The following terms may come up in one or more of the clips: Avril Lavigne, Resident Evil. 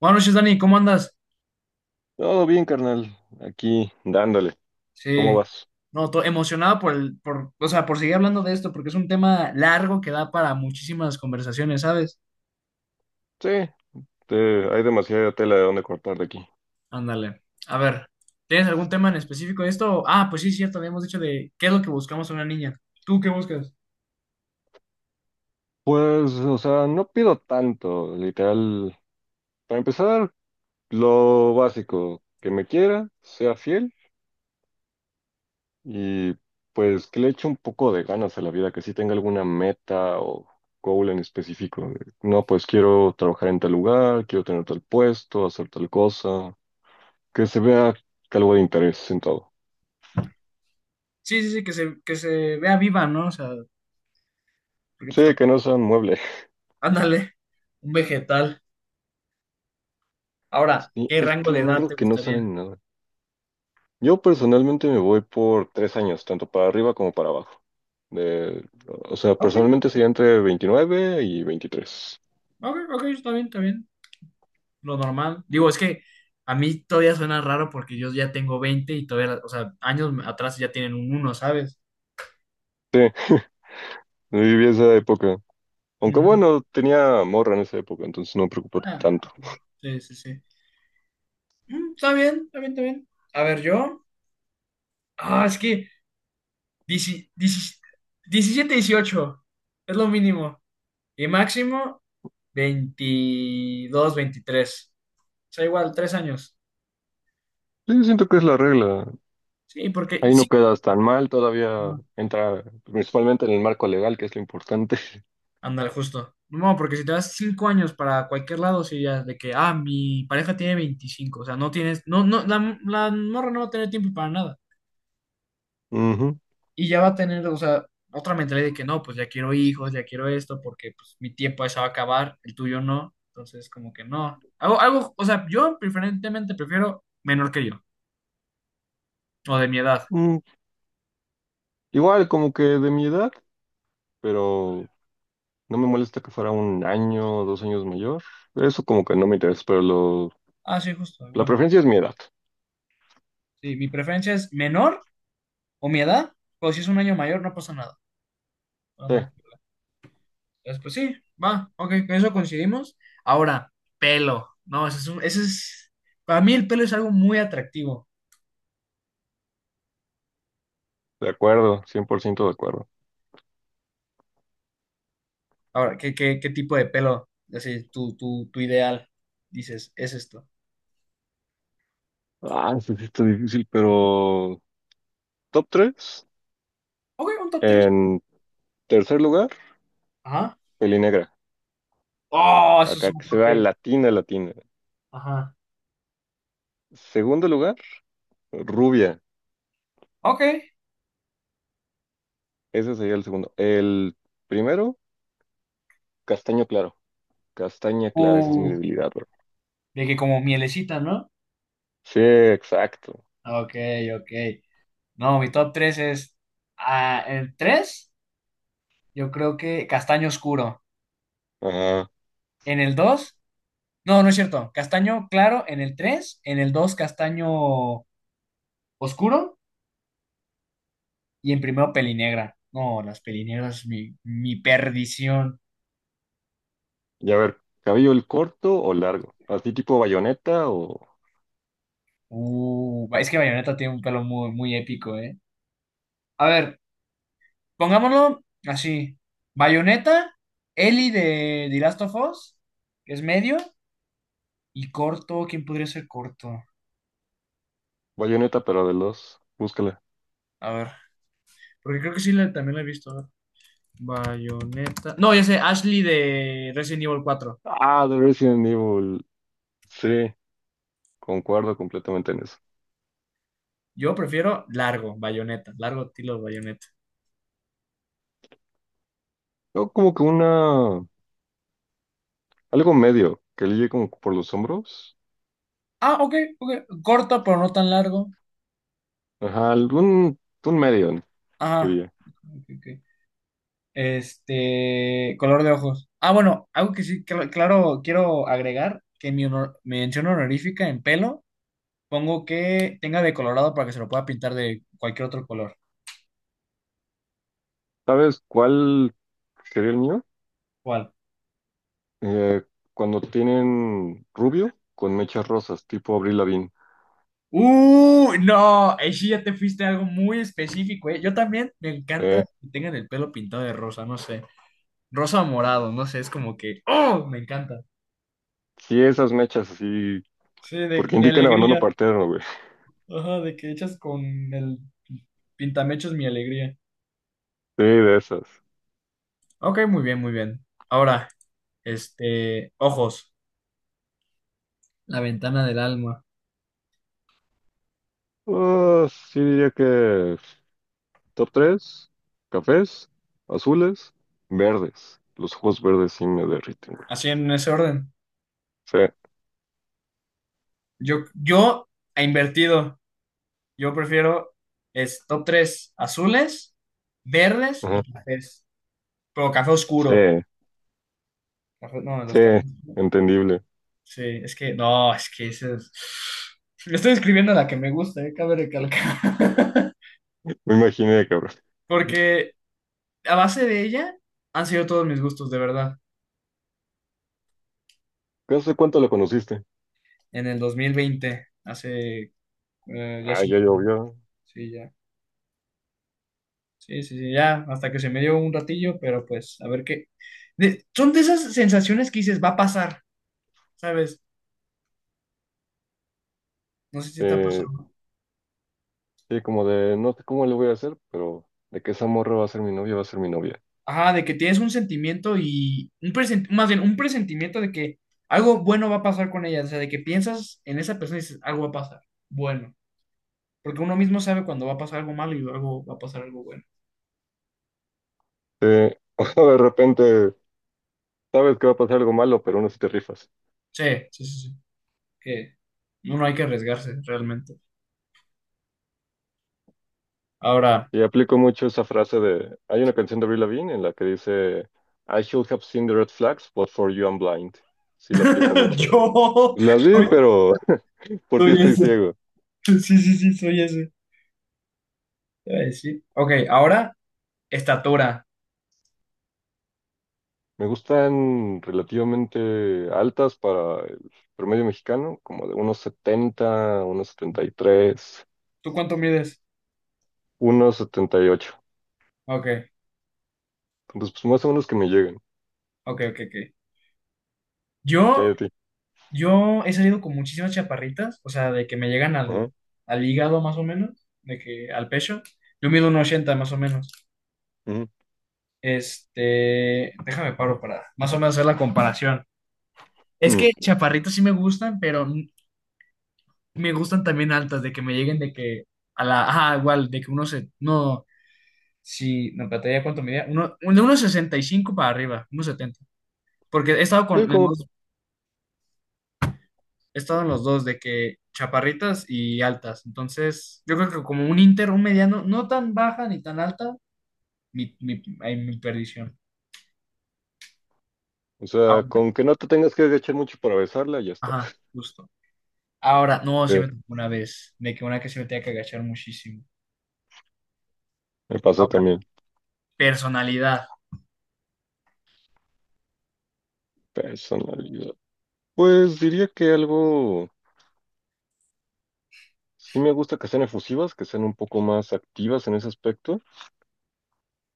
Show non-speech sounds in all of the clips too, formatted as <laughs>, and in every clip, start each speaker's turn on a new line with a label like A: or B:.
A: Buenas noches, Dani, ¿cómo andas?
B: Todo bien, carnal. Aquí, dándole. ¿Cómo
A: Sí,
B: vas?
A: no, emocionado o sea, por seguir hablando de esto, porque es un tema largo que da para muchísimas conversaciones, ¿sabes?
B: Sí, hay demasiada tela de dónde cortar de aquí.
A: Ándale. A ver, ¿tienes algún tema en específico de esto? Ah, pues sí, cierto, habíamos dicho de qué es lo que buscamos en una niña. ¿Tú qué buscas?
B: Pues, o sea, no pido tanto, literal. Para empezar, lo básico, que me quiera, sea fiel y pues que le eche un poco de ganas a la vida, que sí tenga alguna meta o goal en específico. No, pues quiero trabajar en tal lugar, quiero tener tal puesto, hacer tal cosa, que se vea algo de interés en todo.
A: Sí, sí, sí, que se vea viva, ¿no? O sea, porque pues,
B: Sí, que no sean muebles.
A: ándale, un vegetal. Ahora,
B: Sí,
A: ¿qué
B: es
A: rango
B: que
A: de
B: hay
A: edad
B: morros
A: te
B: que no
A: gustaría?
B: saben nada. Yo personalmente me voy por 3 años, tanto para arriba como para abajo. De, o sea,
A: Ok,
B: personalmente sería entre 29 y 23.
A: ok, ok, está bien, está bien. Lo normal. Digo, es que a mí todavía suena raro porque yo ya tengo 20 y todavía, o sea, años atrás ya tienen un uno, ¿sabes?
B: Yo viví esa época. Aunque
A: Ujú.
B: bueno, tenía morra en esa época, entonces no me preocupó
A: Ah,
B: tanto.
A: sí, sí, sí. Mm, está bien, está bien, está bien. A ver, yo. Ah, es que 17, 17 18 es lo mínimo. Y máximo 22, veintitrés. O sea, igual, 3 años.
B: Sí, siento que es la regla.
A: Sí, porque
B: Ahí no
A: sí.
B: quedas tan mal, todavía entra principalmente en el marco legal, que es lo importante.
A: Ándale, justo. No, porque si te das 5 años para cualquier lado, sí, ya, de que, ah, mi pareja tiene 25, o sea, no tienes, no, no, la morra no va a tener tiempo para nada.
B: <laughs> Ujú.
A: Y ya va a tener, o sea, otra mentalidad de que no, pues ya quiero hijos, ya quiero esto, porque pues mi tiempo ya se va a acabar, el tuyo no. Entonces, como que no. Algo, algo, o sea, yo preferentemente prefiero menor que yo, o de mi edad.
B: Mm, Igual, como que de mi edad, pero no me molesta que fuera un año o 2 años mayor. Eso como que no me interesa,
A: Ah, sí, justo,
B: la
A: igual.
B: preferencia es mi edad.
A: Sí, mi preferencia es menor o mi edad, o si es un año mayor, no pasa nada. No,
B: Sí,
A: no hay. Entonces, pues sí, va, ok, con eso coincidimos. Ahora, pelo. No, ese es un- ese es, para mí el pelo es algo muy atractivo.
B: de acuerdo, 100% de acuerdo.
A: Ahora, ¿qué tipo de pelo? Así, tu ideal, dices, es esto.
B: Ah, sí, sí está difícil, pero top tres.
A: Ok, un top tres.
B: En tercer lugar,
A: Ajá.
B: pelinegra.
A: Oh, eso es
B: Acá
A: un
B: que se
A: hot
B: vea
A: take.
B: latina, latina.
A: Ajá.
B: Segundo lugar, rubia.
A: Ok.
B: Ese sería el segundo. El primero, castaño claro. Castaña clara, esa es mi
A: Uh,
B: debilidad, bro.
A: de que como mielecita, ¿no?
B: Sí, exacto.
A: Ok, ok. No, mi top 3 es, en el 3, yo creo que castaño oscuro.
B: Ajá.
A: En el dos. No, no es cierto. Castaño claro en el 3, en el 2, castaño oscuro y en primero pelinegra. No, las pelinegras, mi perdición.
B: Y a ver, ¿cabello el corto o largo? ¿Así tipo bayoneta o
A: Es que Bayonetta tiene un pelo muy, muy épico, ¿eh? A ver, pongámoslo así. Bayonetta, Ellie de The Last of Us, que es medio, y corto, ¿quién podría ser corto?
B: bayoneta pero de los? Búscala.
A: A ver, porque creo que sí también la he visto. A ver. Bayonetta. No, ya sé, Ashley de Resident Evil 4.
B: Ah, de Resident Evil. Sí, concuerdo completamente en eso.
A: Yo prefiero largo, bayoneta, largo tiro de bayoneta.
B: Yo como que una... algo medio, que ligue como por los hombros.
A: Ah, ok, ok. Corto, pero no tan largo.
B: Ajá, algún... un medio,
A: Ajá.
B: diría.
A: Ok, ok. Color de ojos. Ah, bueno, algo que sí, claro, quiero agregar, que mi mención honorífica en pelo, pongo que tenga de colorado para que se lo pueda pintar de cualquier otro color.
B: ¿Sabes cuál sería el mío?
A: ¿Cuál?
B: Eh, Cuando tienen rubio con mechas rosas, tipo Avril Lavigne.
A: No, ahí sí ya te fuiste a algo muy específico, ¿eh? Yo también me encanta
B: Eh,
A: que tengan el pelo pintado de rosa, no sé. Rosa o morado, no sé, es como que, ¡oh! Me encanta.
B: sí, esas mechas así,
A: Sí, de
B: porque
A: mi
B: indican abandono
A: alegría.
B: partero, güey.
A: Ajá, de que echas con el pintamechos mi alegría.
B: Sí, de esas.
A: Ok, muy bien, muy bien. Ahora, ojos. La ventana del alma.
B: Ah, sí diría que top tres: cafés, azules, verdes. Los ojos verdes sí me derriten, güey.
A: Así en ese orden.
B: Sí,
A: Yo he invertido. Yo prefiero es top 3 azules, verdes
B: ajá,
A: y cafés. Pero café oscuro.
B: sí,
A: No, los
B: sí,
A: cafés.
B: entendible.
A: Sí, es que no, es que ese es. Le estoy escribiendo la que me gusta, cabe recalcar.
B: Me imaginé, cabrón.
A: <laughs> Porque a base de ella han sido todos mis gustos, de verdad.
B: ¿Qué hace cuánto la conociste?
A: En el 2020 hace ya
B: Ah, ya llovió.
A: sí, ya. Sí, sí, sí, ya, hasta que se me dio un ratillo, pero pues, a ver qué. Son de esas sensaciones que dices, va a pasar, ¿sabes? No sé si te ha
B: Eh,
A: pasado.
B: sí, como de, no sé cómo le voy a hacer, pero de que esa morra va a ser mi novia, va a ser mi novia.
A: Ajá, de que tienes un sentimiento y más bien un presentimiento de que algo bueno va a pasar con ella, o sea, de que piensas en esa persona y dices, algo va a pasar, bueno, porque uno mismo sabe cuando va a pasar algo malo y algo va a pasar algo bueno.
B: Sí, <laughs> o de repente, sabes que va a pasar algo malo, pero aún así te rifas.
A: Sí, sí, sí, sí. Que no, no hay que arriesgarse realmente. Ahora,
B: Y aplico mucho esa frase de, hay una canción de Avril Lavigne en la que dice, I should have seen the red flags, but for you I'm blind. Sí, la aplico
A: <laughs>
B: mucho. Pues,
A: yo
B: las vi,
A: soy,
B: pero por ti
A: soy
B: estoy
A: ese.
B: ciego.
A: Sí, sí, sí, soy ese. Ay, sí. Ok, ahora, estatura.
B: Me gustan relativamente altas para el promedio mexicano, como de unos 70 unos 73
A: ¿Tú cuánto mides?
B: unos 78.
A: Ok,
B: Entonces, pues más o menos que me lleguen.
A: ok, ok, ok.
B: ¿Qué hay
A: Yo,
B: de ti?
A: yo he salido con muchísimas chaparritas, o sea, de que me llegan
B: Ajá,
A: al, hígado más o menos, de que al pecho. Yo mido un 80 más o menos.
B: ujú,
A: Déjame paro para más o menos hacer la comparación. Es
B: mm.
A: que chaparritas sí me gustan, pero me gustan también altas, de que me lleguen de que a la, ajá, igual, de que uno se, no, si, no, pantalla cuánto medía, uno, de unos 65 para arriba, unos 70 porque he estado
B: Sí,
A: con en
B: como,
A: los he estado en los dos, de que chaparritas y altas, entonces, yo creo que como un inter, un mediano, no tan baja ni tan alta, ay, mi perdición.
B: o sea,
A: Ahora,
B: con que no te tengas que agachar mucho para besarla, ya está.
A: ajá, justo. Ahora, no, sí
B: Sí,
A: me tocó una vez, de que una que se me tenía que agachar muchísimo.
B: me pasó
A: Ahora,
B: también.
A: personalidad.
B: Personalidad. Pues diría que algo, sí me gusta que sean efusivas, que sean un poco más activas en ese aspecto,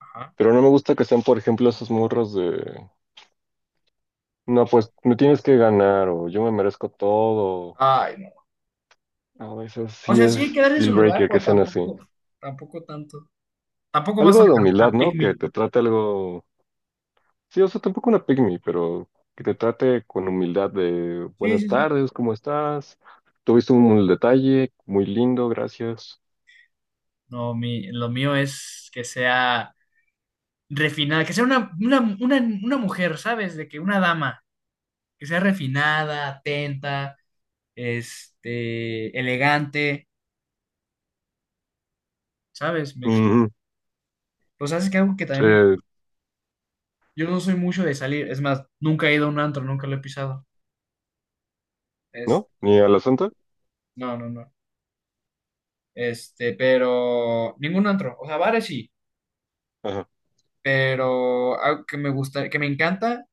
A: Ajá.
B: pero no me gusta que sean, por ejemplo, esas morras de, no, pues me tienes que ganar o yo me merezco todo.
A: Ay,
B: A veces
A: o
B: sí
A: sea, sí,
B: es
A: quedarse en su
B: deal
A: lugar,
B: breaker que
A: pero
B: sean así.
A: tampoco, tampoco tanto. Tampoco vas a
B: Algo de humildad,
A: agarrar a
B: ¿no?
A: pick
B: Que
A: me.
B: te trate algo, sí, o sea, tampoco una pygmy, pero que te trate con humildad de
A: Sí,
B: buenas
A: sí, sí.
B: tardes, ¿cómo estás? Tuviste un detalle muy lindo, gracias.
A: No, lo mío es que sea refinada, que sea una mujer, ¿sabes? De que una dama, que sea refinada, atenta, elegante, ¿sabes? Me explico.
B: Ujú.
A: Pues sabes que algo que
B: Sí,
A: también me. Yo no soy mucho de salir, es más, nunca he ido a un antro, nunca lo he pisado. Es,
B: ¿no? Ni a la santa.
A: no, no, no. Pero ningún antro, o sea, bares sí.
B: Ajá.
A: Pero algo que me gusta, que me encanta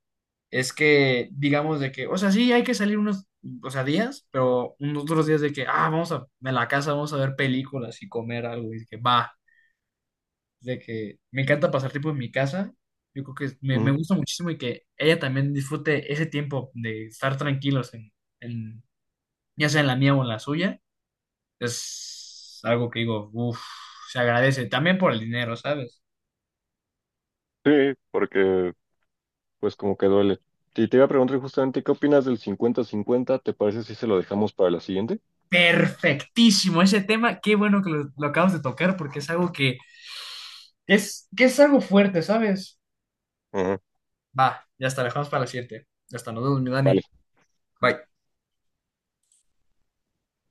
A: es que, digamos, de que, o sea, sí hay que salir unos, o sea, días, pero unos otros días de que, ah, vamos a la casa, vamos a ver películas y comer algo, y de que va, de que me encanta pasar tiempo en mi casa. Yo creo que me
B: Ujú.
A: gusta muchísimo y que ella también disfrute ese tiempo de estar tranquilos en, en, ya sea en la mía o en la suya. Es algo que digo, uff, se agradece también por el dinero, ¿sabes?
B: Sí, porque pues como que duele. Y te iba a preguntar justamente, ¿qué opinas del 50-50? ¿Te parece si se lo dejamos para la siguiente?
A: Perfectísimo ese tema. Qué bueno que lo acabas de tocar porque es algo que es algo fuerte, ¿sabes?
B: Ajá.
A: Va, ya está, dejamos para la siguiente. Ya está, nos vemos, mi
B: Vale.
A: Dani. Bye.